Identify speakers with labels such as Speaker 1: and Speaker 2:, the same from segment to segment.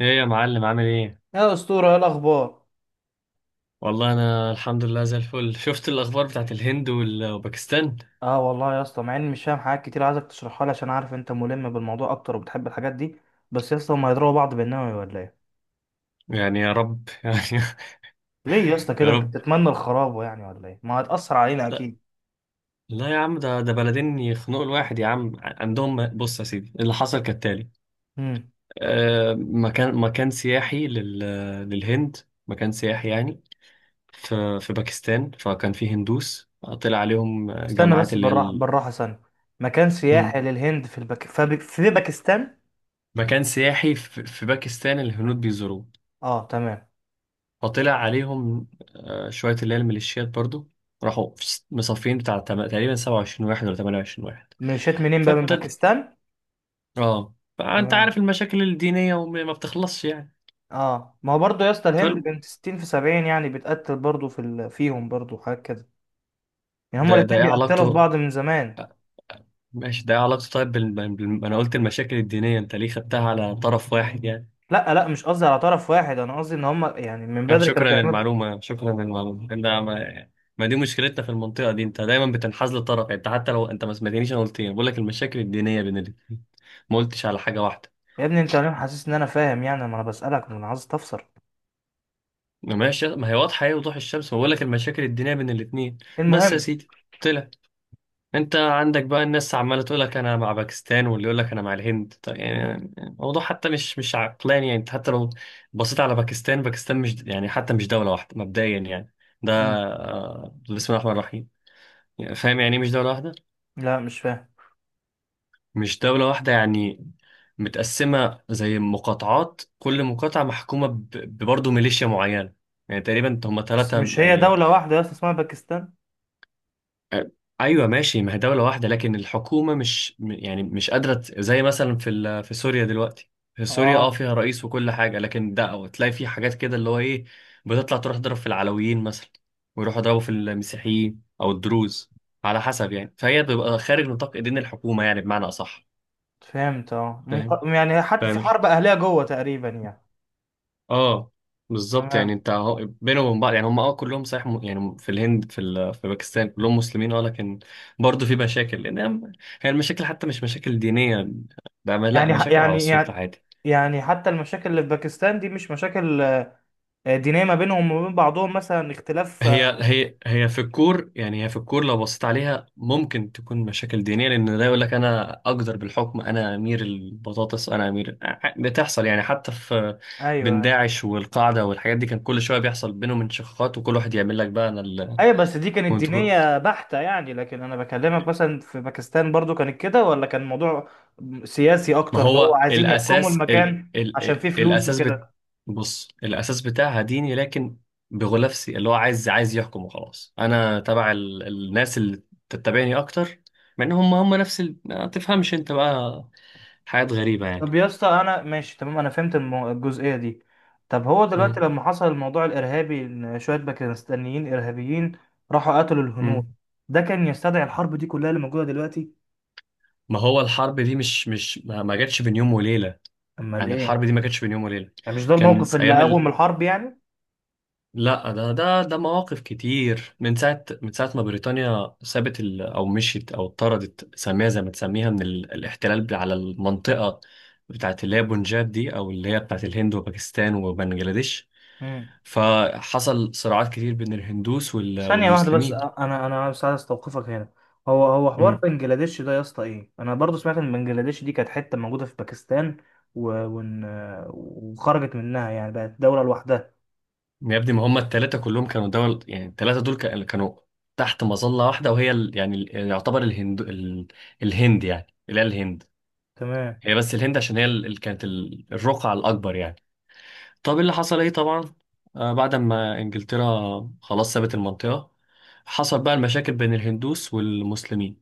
Speaker 1: ايه يا معلم عامل ايه؟
Speaker 2: يا اسطوره، ايه الاخبار؟
Speaker 1: والله انا الحمد لله زي الفل. شفت الاخبار بتاعت الهند وباكستان.
Speaker 2: اه والله يا اسطى، مع اني مش فاهم حاجات كتير، عايزك تشرحها لي عشان عارف انت ملم بالموضوع اكتر وبتحب الحاجات دي. بس يا اسطى، ما يضربوا بعض بالنووي ولا ايه؟
Speaker 1: يعني يا رب يعني
Speaker 2: ليه يا اسطى
Speaker 1: يا
Speaker 2: كده، انت
Speaker 1: رب.
Speaker 2: بتتمنى الخراب يعني ولا ايه؟ ما هتأثر علينا
Speaker 1: لا.
Speaker 2: اكيد.
Speaker 1: لا يا عم، ده بلدين يخنقوا الواحد يا عم. عندهم، بص يا سيدي اللي حصل كالتالي.
Speaker 2: امم.
Speaker 1: مكان سياحي للهند. مكان سياحي يعني، في باكستان، فكان فيه هندوس. طلع عليهم
Speaker 2: استنى
Speaker 1: جماعات
Speaker 2: بس،
Speaker 1: اللي هي
Speaker 2: بالراحه بالراحه، ثانيه. مكان سياحي
Speaker 1: مم.
Speaker 2: للهند في في باكستان.
Speaker 1: مكان سياحي في باكستان، الهنود بيزوروه.
Speaker 2: اه تمام.
Speaker 1: فطلع عليهم شوية اللي هي الميليشيات برضو. راحوا مصفين تقريبا 27 واحد ولا 28 واحد.
Speaker 2: من شات منين بقى، من
Speaker 1: فابتد
Speaker 2: باكستان؟
Speaker 1: اه فأنت
Speaker 2: تمام.
Speaker 1: عارف المشاكل الدينية وما ما بتخلصش يعني.
Speaker 2: اه، ما هو برضه يا اسطى، الهند
Speaker 1: فال
Speaker 2: بنت 60 في 70، يعني بتقتل برضه فيهم برضه حاجات كده. يعني هما
Speaker 1: ده
Speaker 2: الاتنين
Speaker 1: ايه
Speaker 2: بيقتلوا في
Speaker 1: علاقته؟
Speaker 2: بعض من زمان.
Speaker 1: ماشي، ده ايه علاقته طيب انا قلت المشاكل الدينية، انت ليه خدتها على طرف واحد يعني؟
Speaker 2: لا لا، مش قصدي على طرف واحد، انا قصدي ان هم يعني من
Speaker 1: يعني
Speaker 2: بدري كانوا
Speaker 1: شكرا
Speaker 2: بيعملوها.
Speaker 1: للمعلومة، شكرا للمعلومة. لا ما... ما دي مشكلتنا في المنطقة دي، انت دايما بتنحاز لطرف. يعني انت حتى لو انت ما سمعتنيش، انا قلت ايه؟ بقول لك المشاكل الدينية بين الاتنين، ما قلتش على حاجة واحدة.
Speaker 2: يا ابني انت ليه حاسس ان انا فاهم؟ يعني ما انا بسألك، ما انا عايز تفسر.
Speaker 1: ماشي، ما هي واضحة ايه وضوح الشمس، ما بقول لك المشاكل الدينية بين الاتنين. بس يا
Speaker 2: المهم.
Speaker 1: سيدي، طلع انت عندك بقى الناس عمالة تقول لك انا مع باكستان، واللي يقول لك انا مع الهند. طيب يعني الموضوع حتى مش عقلاني. يعني انت حتى لو بصيت على باكستان، باكستان مش دولة واحدة مبدئيا يعني. ده
Speaker 2: مم.
Speaker 1: بسم الله الرحمن الرحيم. يعني فاهم يعني ايه مش دولة واحدة؟
Speaker 2: لا مش فاهم.
Speaker 1: مش دولة واحدة يعني متقسمة زي مقاطعات، كل مقاطعة محكومة برضه ميليشيا معينة. يعني تقريبا هم
Speaker 2: بس
Speaker 1: ثلاثة
Speaker 2: مش هي
Speaker 1: يعني.
Speaker 2: دولة واحدة يا اسطى اسمها باكستان؟
Speaker 1: ايوه ماشي، ما هي دوله واحده، لكن الحكومه مش م- يعني مش زي مثلا في في سوريا دلوقتي. في سوريا
Speaker 2: اه
Speaker 1: فيها رئيس وكل حاجه، لكن ده أو تلاقي في حاجات كده اللي هو ايه؟ بتطلع تروح تضرب في العلويين مثلا، ويروحوا يضربوا في المسيحيين او الدروز، على حسب يعني. فهي بتبقى خارج نطاق ايدين الحكومه يعني، بمعنى اصح.
Speaker 2: فهمت.
Speaker 1: فاهم،
Speaker 2: يعني حتى في
Speaker 1: فاهم،
Speaker 2: حرب اهلية جوه تقريبا يعني.
Speaker 1: اه. بالظبط
Speaker 2: تمام.
Speaker 1: يعني، انت اهو بينهم وبين بعض. يعني هم كلهم صحيح، يعني في الهند، في باكستان كلهم مسلمين لكن برضه في مشاكل هي المشاكل حتى مش مشاكل دينية بقى، لا،
Speaker 2: يعني ح-
Speaker 1: مشاكل على
Speaker 2: يعني
Speaker 1: السلطة
Speaker 2: يعني
Speaker 1: عادي.
Speaker 2: يعني حتى المشاكل اللي في باكستان دي مش مشاكل دينية ما بينهم وما بين بعضهم، مثلا اختلاف.
Speaker 1: هي في الكور. يعني هي في الكور، لو بصيت عليها ممكن تكون مشاكل دينية، لان ده يقول لك انا اقدر بالحكم، انا امير البطاطس، انا بتحصل يعني، حتى في
Speaker 2: ايوه
Speaker 1: بين
Speaker 2: ايوه
Speaker 1: داعش والقاعدة والحاجات دي كان كل شوية بيحصل بينهم انشقاقات، وكل واحد يعمل لك بقى انا
Speaker 2: ايوه، بس دي كانت
Speaker 1: ال...
Speaker 2: دينية بحتة يعني، لكن انا بكلمك مثلا في باكستان برضو كانت كده ولا كان الموضوع سياسي
Speaker 1: ما
Speaker 2: اكتر، اللي هو
Speaker 1: هو
Speaker 2: عايزين يحكموا
Speaker 1: الأساس،
Speaker 2: المكان عشان فيه فلوس وكده.
Speaker 1: بص، الأساس بتاعها ديني، لكن بغلافسي اللي هو عايز يحكم وخلاص. أنا تبع الناس اللي تتبعني أكتر، مع إن هم نفس ما تفهمش أنت بقى، حاجات غريبة
Speaker 2: طب
Speaker 1: يعني.
Speaker 2: يا اسطى، انا ماشي تمام، انا فهمت الجزئية دي. طب هو دلوقتي
Speaker 1: مم.
Speaker 2: لما حصل الموضوع الارهابي ان شوية باكستانيين ارهابيين راحوا قتلوا الهنود،
Speaker 1: مم.
Speaker 2: ده كان يستدعي الحرب دي كلها اللي موجودة دلوقتي؟
Speaker 1: ما هو الحرب دي مش ما جاتش بين يوم وليلة.
Speaker 2: امال
Speaker 1: يعني
Speaker 2: ايه؟
Speaker 1: الحرب دي ما جاتش بين يوم وليلة.
Speaker 2: يعني مش ده الموقف اللي
Speaker 1: أيام،
Speaker 2: قوم الحرب يعني.
Speaker 1: لا، ده مواقف كتير من ساعة من ساعة ما بريطانيا سابت أو مشيت أو طردت، سميها زي ما تسميها، من الاحتلال على المنطقة بتاعت اللي هي بونجاب دي، أو اللي هي بتاعت الهند وباكستان وبنجلاديش. فحصل صراعات كتير بين الهندوس
Speaker 2: ثانية واحدة بس،
Speaker 1: والمسلمين.
Speaker 2: أنا بس عايز أستوقفك هنا. هو حوار
Speaker 1: مم.
Speaker 2: بنجلاديش ده يا اسطى إيه؟ أنا برضو سمعت إن بنجلاديش دي كانت حتة موجودة في باكستان، و... ون... وخرجت منها يعني بقت دولة لوحدها.
Speaker 1: يا ابني، ما هم التلاتة كلهم كانوا دول. يعني التلاتة دول كانوا تحت مظلة واحدة، وهي ال يعني ال يعتبر الهند يعني، اللي هي الهند
Speaker 2: تمام.
Speaker 1: هي، بس الهند عشان هي اللي كانت الرقعة الأكبر يعني. طب اللي حصل ايه؟ طبعا بعد ما انجلترا خلاص سابت المنطقة، حصل بقى المشاكل بين الهندوس والمسلمين.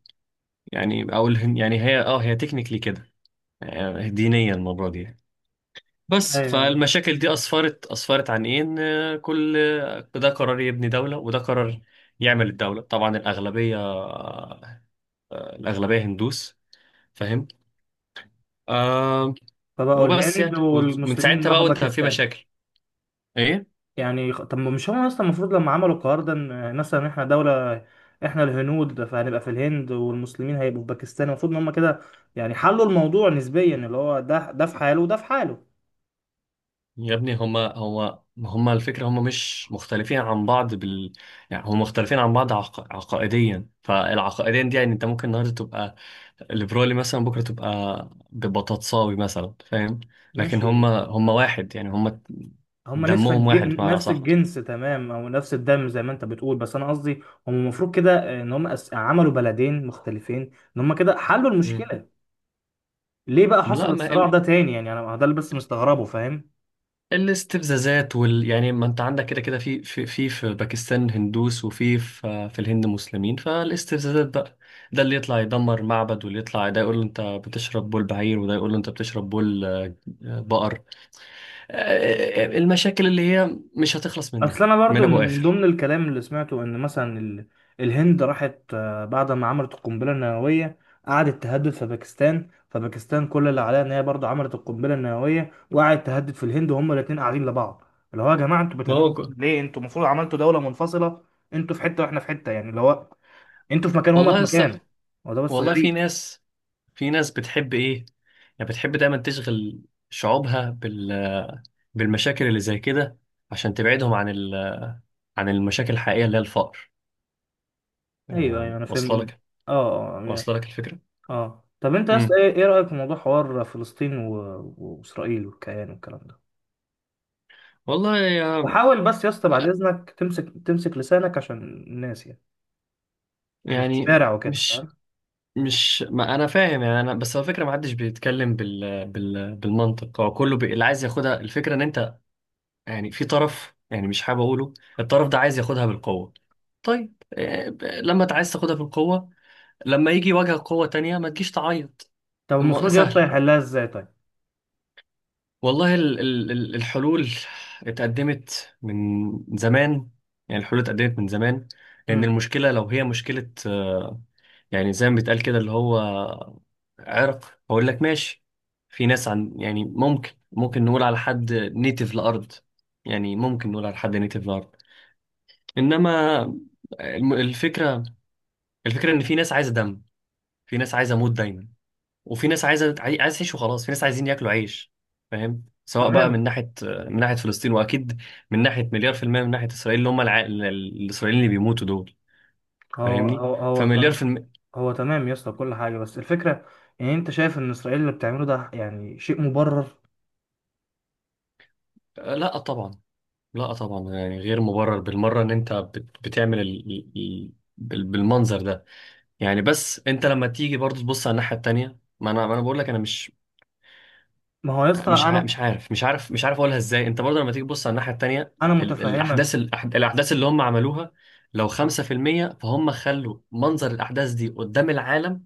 Speaker 1: يعني او الهن يعني هي هي تكنيكلي كده يعني، دينيا المرة دي يعني. بس
Speaker 2: ايوه.
Speaker 1: فالمشاكل دي اسفرت عن ايه؟ ان كل ده قرر يبني دولة، وده قرر يعمل الدولة. طبعا الاغلبية الاغلبية هندوس. فاهم، آه.
Speaker 2: فبقوا
Speaker 1: وبس
Speaker 2: الهند،
Speaker 1: يعني، ومن
Speaker 2: والمسلمين
Speaker 1: ساعتها
Speaker 2: راحوا
Speaker 1: بقى وانت في
Speaker 2: باكستان.
Speaker 1: مشاكل. ايه؟
Speaker 2: يعني طب مش هم اصلا المفروض لما عملوا القرار ده، إن مثلا احنا دولة، احنا الهنود فهنبقى في الهند، والمسلمين هيبقوا في باكستان، المفروض ان هم كده يعني حلوا الموضوع نسبيا، اللي هو ده في حاله وده في حاله.
Speaker 1: يا ابني، هما الفكرة، هما مش مختلفين عن بعض يعني هما مختلفين عن بعض عقائديا. فالعقائديا دي يعني انت ممكن النهارده تبقى ليبرالي مثلا، بكرة تبقى ببطاطساوي مثلا، فاهم؟ لكن
Speaker 2: ماشي.
Speaker 1: هما واحد يعني، هما
Speaker 2: هما نفس
Speaker 1: دمهم واحد بمعنى
Speaker 2: نفس
Speaker 1: صح.
Speaker 2: الجنس تمام، او نفس الدم زي ما انت بتقول، بس انا قصدي هم المفروض كده ان هم عملوا بلدين مختلفين، ان هم كده حلوا
Speaker 1: مم.
Speaker 2: المشكله. ليه بقى حصل
Speaker 1: لا، ما
Speaker 2: الصراع ده
Speaker 1: إيه؟
Speaker 2: تاني يعني؟ انا ده اللي بس مستغربه، فاهم.
Speaker 1: الاستفزازات يعني ما انت عندك كده كده في في باكستان هندوس، في الهند مسلمين. فالاستفزازات بقى، ده اللي يطلع يدمر معبد، واللي يطلع ده يقول له انت بتشرب بول بعير، وده يقول له انت بتشرب بول بقر. المشاكل اللي هي مش هتخلص
Speaker 2: اصل
Speaker 1: منها
Speaker 2: انا
Speaker 1: من
Speaker 2: برضو
Speaker 1: ابو
Speaker 2: من
Speaker 1: اخر.
Speaker 2: ضمن الكلام اللي سمعته ان مثلا الهند راحت بعد ما عملت القنبله النوويه، قعدت تهدد في باكستان، فباكستان كل اللي عليها ان هي برضو عملت القنبله النوويه وقعدت تهدد في الهند، وهم الاثنين قاعدين لبعض، اللي هو يا جماعه انتوا
Speaker 1: ما هو
Speaker 2: بتهددوا
Speaker 1: ك-
Speaker 2: ليه؟ انتوا المفروض عملتوا دوله منفصله، انتوا في حته واحنا في حته، يعني اللي هو انتوا في مكان هما
Speaker 1: والله
Speaker 2: في
Speaker 1: يا اسطى،
Speaker 2: مكان. هو ده بس
Speaker 1: والله في
Speaker 2: غريب.
Speaker 1: ناس، في ناس بتحب ايه، يعني بتحب دايما تشغل شعوبها بالمشاكل اللي زي كده، عشان تبعدهم عن عن المشاكل الحقيقية اللي هي الفقر.
Speaker 2: ايوه ايوه، انا
Speaker 1: واصله
Speaker 2: فاهم.
Speaker 1: لك،
Speaker 2: اه اه يعني-
Speaker 1: واصله لك الفكره.
Speaker 2: اه طب انت يا اسطى
Speaker 1: امم
Speaker 2: ايه، إيه رايك في موضوع حوار فلسطين و... واسرائيل والكيان والكلام ده؟
Speaker 1: والله يا-
Speaker 2: وحاول بس يا اسطى بعد اذنك تمسك لسانك عشان الناس يعني، احنا في
Speaker 1: يعني
Speaker 2: الشارع وكده،
Speaker 1: مش
Speaker 2: فاهم.
Speaker 1: مش ما انا فاهم يعني، انا بس هو الفكره، ما حدش بيتكلم بالمنطق. هو كله اللي عايز ياخدها، الفكره ان انت يعني في طرف، يعني مش حابب اقوله، الطرف ده عايز ياخدها بالقوه. طيب لما انت عايز تاخدها بالقوه، لما يجي واجهك قوه تانية، ما تجيش تعيط.
Speaker 2: طب المفروض يا
Speaker 1: سهل،
Speaker 2: اسطى يحلها ازاي طيب؟
Speaker 1: والله الحلول اتقدمت من زمان. يعني الحلول اتقدمت من زمان، لأن
Speaker 2: امم.
Speaker 1: المشكلة لو هي مشكلة يعني زي ما بيتقال كده، اللي هو عرق، أقول لك ماشي، في ناس عن يعني ممكن نقول على حد نيتيف لأرض. يعني ممكن نقول على حد نيتيف لأرض، إنما الفكرة، الفكرة إن في ناس عايزة دم، في ناس عايزة موت دايما، وفي ناس عايز تعيش وخلاص، في ناس عايزين ياكلوا عيش، فاهم؟ سواء بقى
Speaker 2: تمام.
Speaker 1: من ناحيه من ناحيه فلسطين واكيد من ناحيه مليار في الميه، من ناحيه اسرائيل اللي هم الاسرائيليين اللي بيموتوا دول.
Speaker 2: هو
Speaker 1: فاهمني؟
Speaker 2: هو هو
Speaker 1: فمليار
Speaker 2: تمام.
Speaker 1: في
Speaker 2: هو تمام يا اسطى كل حاجه، بس الفكره، يعني انت شايف ان اسرائيل اللي بتعمله ده يعني شيء مبرر؟
Speaker 1: لا طبعا، لا طبعا، يعني غير مبرر بالمره ان انت بتعمل بالمنظر ده يعني. بس انت لما تيجي برضو تبص على الناحيه التانيه، ما انا بقول لك انا مش،
Speaker 2: ما هو يا اسطى،
Speaker 1: مش عارف
Speaker 2: انا
Speaker 1: اقولها ازاي. انت برضه لما تيجي تبص على الناحيه التانيه،
Speaker 2: انا متفهمك.
Speaker 1: الاحداث الاحداث اللي هم عملوها، لو 5% فهم خلوا منظر الاحداث دي قدام العالم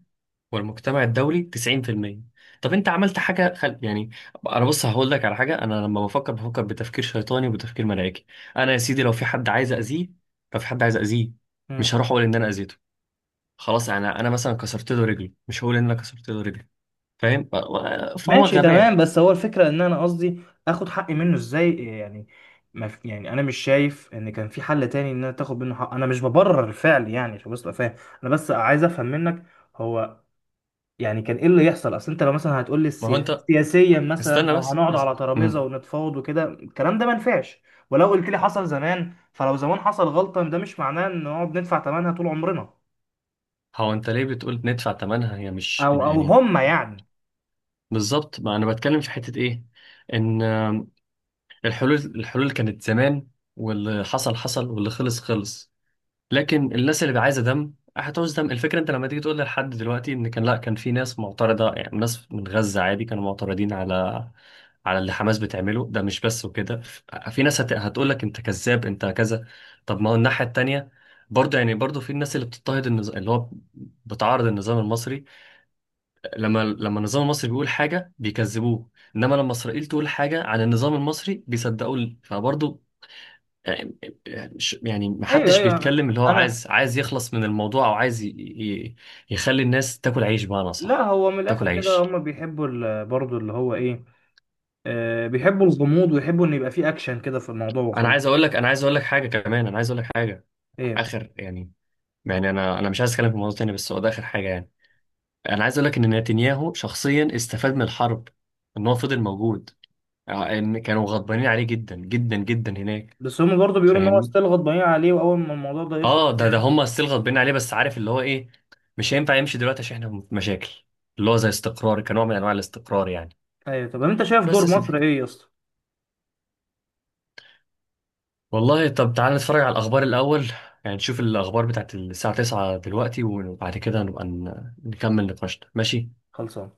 Speaker 1: والمجتمع الدولي 90%. طب انت عملت حاجه يعني انا بص هقول لك على حاجه، انا لما بفكر بتفكير شيطاني وبتفكير ملائكي. انا يا سيدي لو في حد عايز اذيه، لو في حد عايز اذيه، مش
Speaker 2: اه
Speaker 1: هروح اقول ان انا اذيته. خلاص، انا مثلا كسرت له رجله، مش هقول ان انا كسرت له رجله. فاهم؟ فهو
Speaker 2: ماشي
Speaker 1: غباء.
Speaker 2: تمام، بس هو الفكرة ان انا قصدي اخد حقي منه ازاي يعني؟ ما في يعني، انا مش شايف ان كان في حل تاني ان انا تاخد منه حق، انا مش ببرر الفعل يعني عشان بس تبقى فاهم، انا بس عايز افهم منك هو يعني كان ايه اللي يحصل؟ اصل انت لو مثلا هتقول لي
Speaker 1: ما هو انت،
Speaker 2: سياسيا
Speaker 1: استنى
Speaker 2: مثلا، او
Speaker 1: بس
Speaker 2: هنقعد على ترابيزة
Speaker 1: مم.
Speaker 2: ونتفاوض وكده، الكلام ده ما ينفعش. ولو قلت لي حصل زمان، فلو زمان حصل غلطة ده مش معناه ان نقعد ندفع ثمنها طول عمرنا،
Speaker 1: هو انت ليه بتقول ندفع ثمنها؟ هي مش
Speaker 2: او
Speaker 1: يعني،
Speaker 2: هم يعني.
Speaker 1: بالظبط، ما انا بتكلم في حتة ايه؟ ان الحلول كانت زمان، واللي حصل حصل واللي خلص خلص. لكن الناس اللي عايزة دم هتعوز دم. الفكرة انت لما تيجي تقول لحد دلوقتي ان كان، لا، كان في ناس معترضة يعني، ناس من غزة عادي كانوا معترضين على على اللي حماس بتعمله، ده مش بس وكده. في ناس هتقول لك انت كذاب، انت كذا. طب ما هو الناحية التانية برضه، يعني في الناس اللي بتضطهد النظام، اللي هو بتعارض النظام المصري. لما النظام المصري بيقول حاجة بيكذبوه، انما لما اسرائيل تقول حاجة عن النظام المصري بيصدقوه، فبرضه يعني، يعني
Speaker 2: ايوه
Speaker 1: محدش
Speaker 2: ايوه،
Speaker 1: بيتكلم. اللي هو
Speaker 2: انا.
Speaker 1: عايز يخلص من الموضوع، او يخلي الناس تاكل عيش بقى، انا
Speaker 2: لا
Speaker 1: صح؟
Speaker 2: هو من الاخر
Speaker 1: تاكل
Speaker 2: كده،
Speaker 1: عيش.
Speaker 2: هم بيحبوا برضه اللي هو ايه، آه بيحبوا الغموض، ويحبوا ان يبقى فيه اكشن كده في الموضوع
Speaker 1: انا عايز
Speaker 2: وخلاص.
Speaker 1: اقول لك، انا عايز اقول لك حاجة كمان، انا عايز اقول لك حاجة
Speaker 2: ايه؟
Speaker 1: اخر يعني، يعني انا مش عايز اتكلم في الموضوع تاني، بس هو ده اخر حاجه يعني. انا عايز اقول لك ان نتنياهو شخصيا استفاد من الحرب، ان هو فضل موجود. ان كانوا غضبانين عليه جدا جدا جدا هناك،
Speaker 2: بس هم برضه بيقولوا ان هو
Speaker 1: فاهمني؟
Speaker 2: استيل غضبانين عليه، واول ما الموضوع ده يخلص
Speaker 1: اه، ده
Speaker 2: يعني.
Speaker 1: هم ستيل غضبانين عليه، بس عارف اللي هو ايه؟ مش هينفع يمشي دلوقتي عشان احنا في مشاكل، اللي هو زي استقرار، كنوع من انواع الاستقرار يعني.
Speaker 2: ايوه. طب انت شايف
Speaker 1: بس
Speaker 2: دور
Speaker 1: يا سيدي،
Speaker 2: مصر ايه يا اسطى؟
Speaker 1: والله طب تعال نتفرج على الاخبار الاول. يعني نشوف الاخبار بتاعت الساعه 9 دلوقتي، وبعد كده نبقى نكمل نقاشنا، ماشي؟
Speaker 2: خلصان.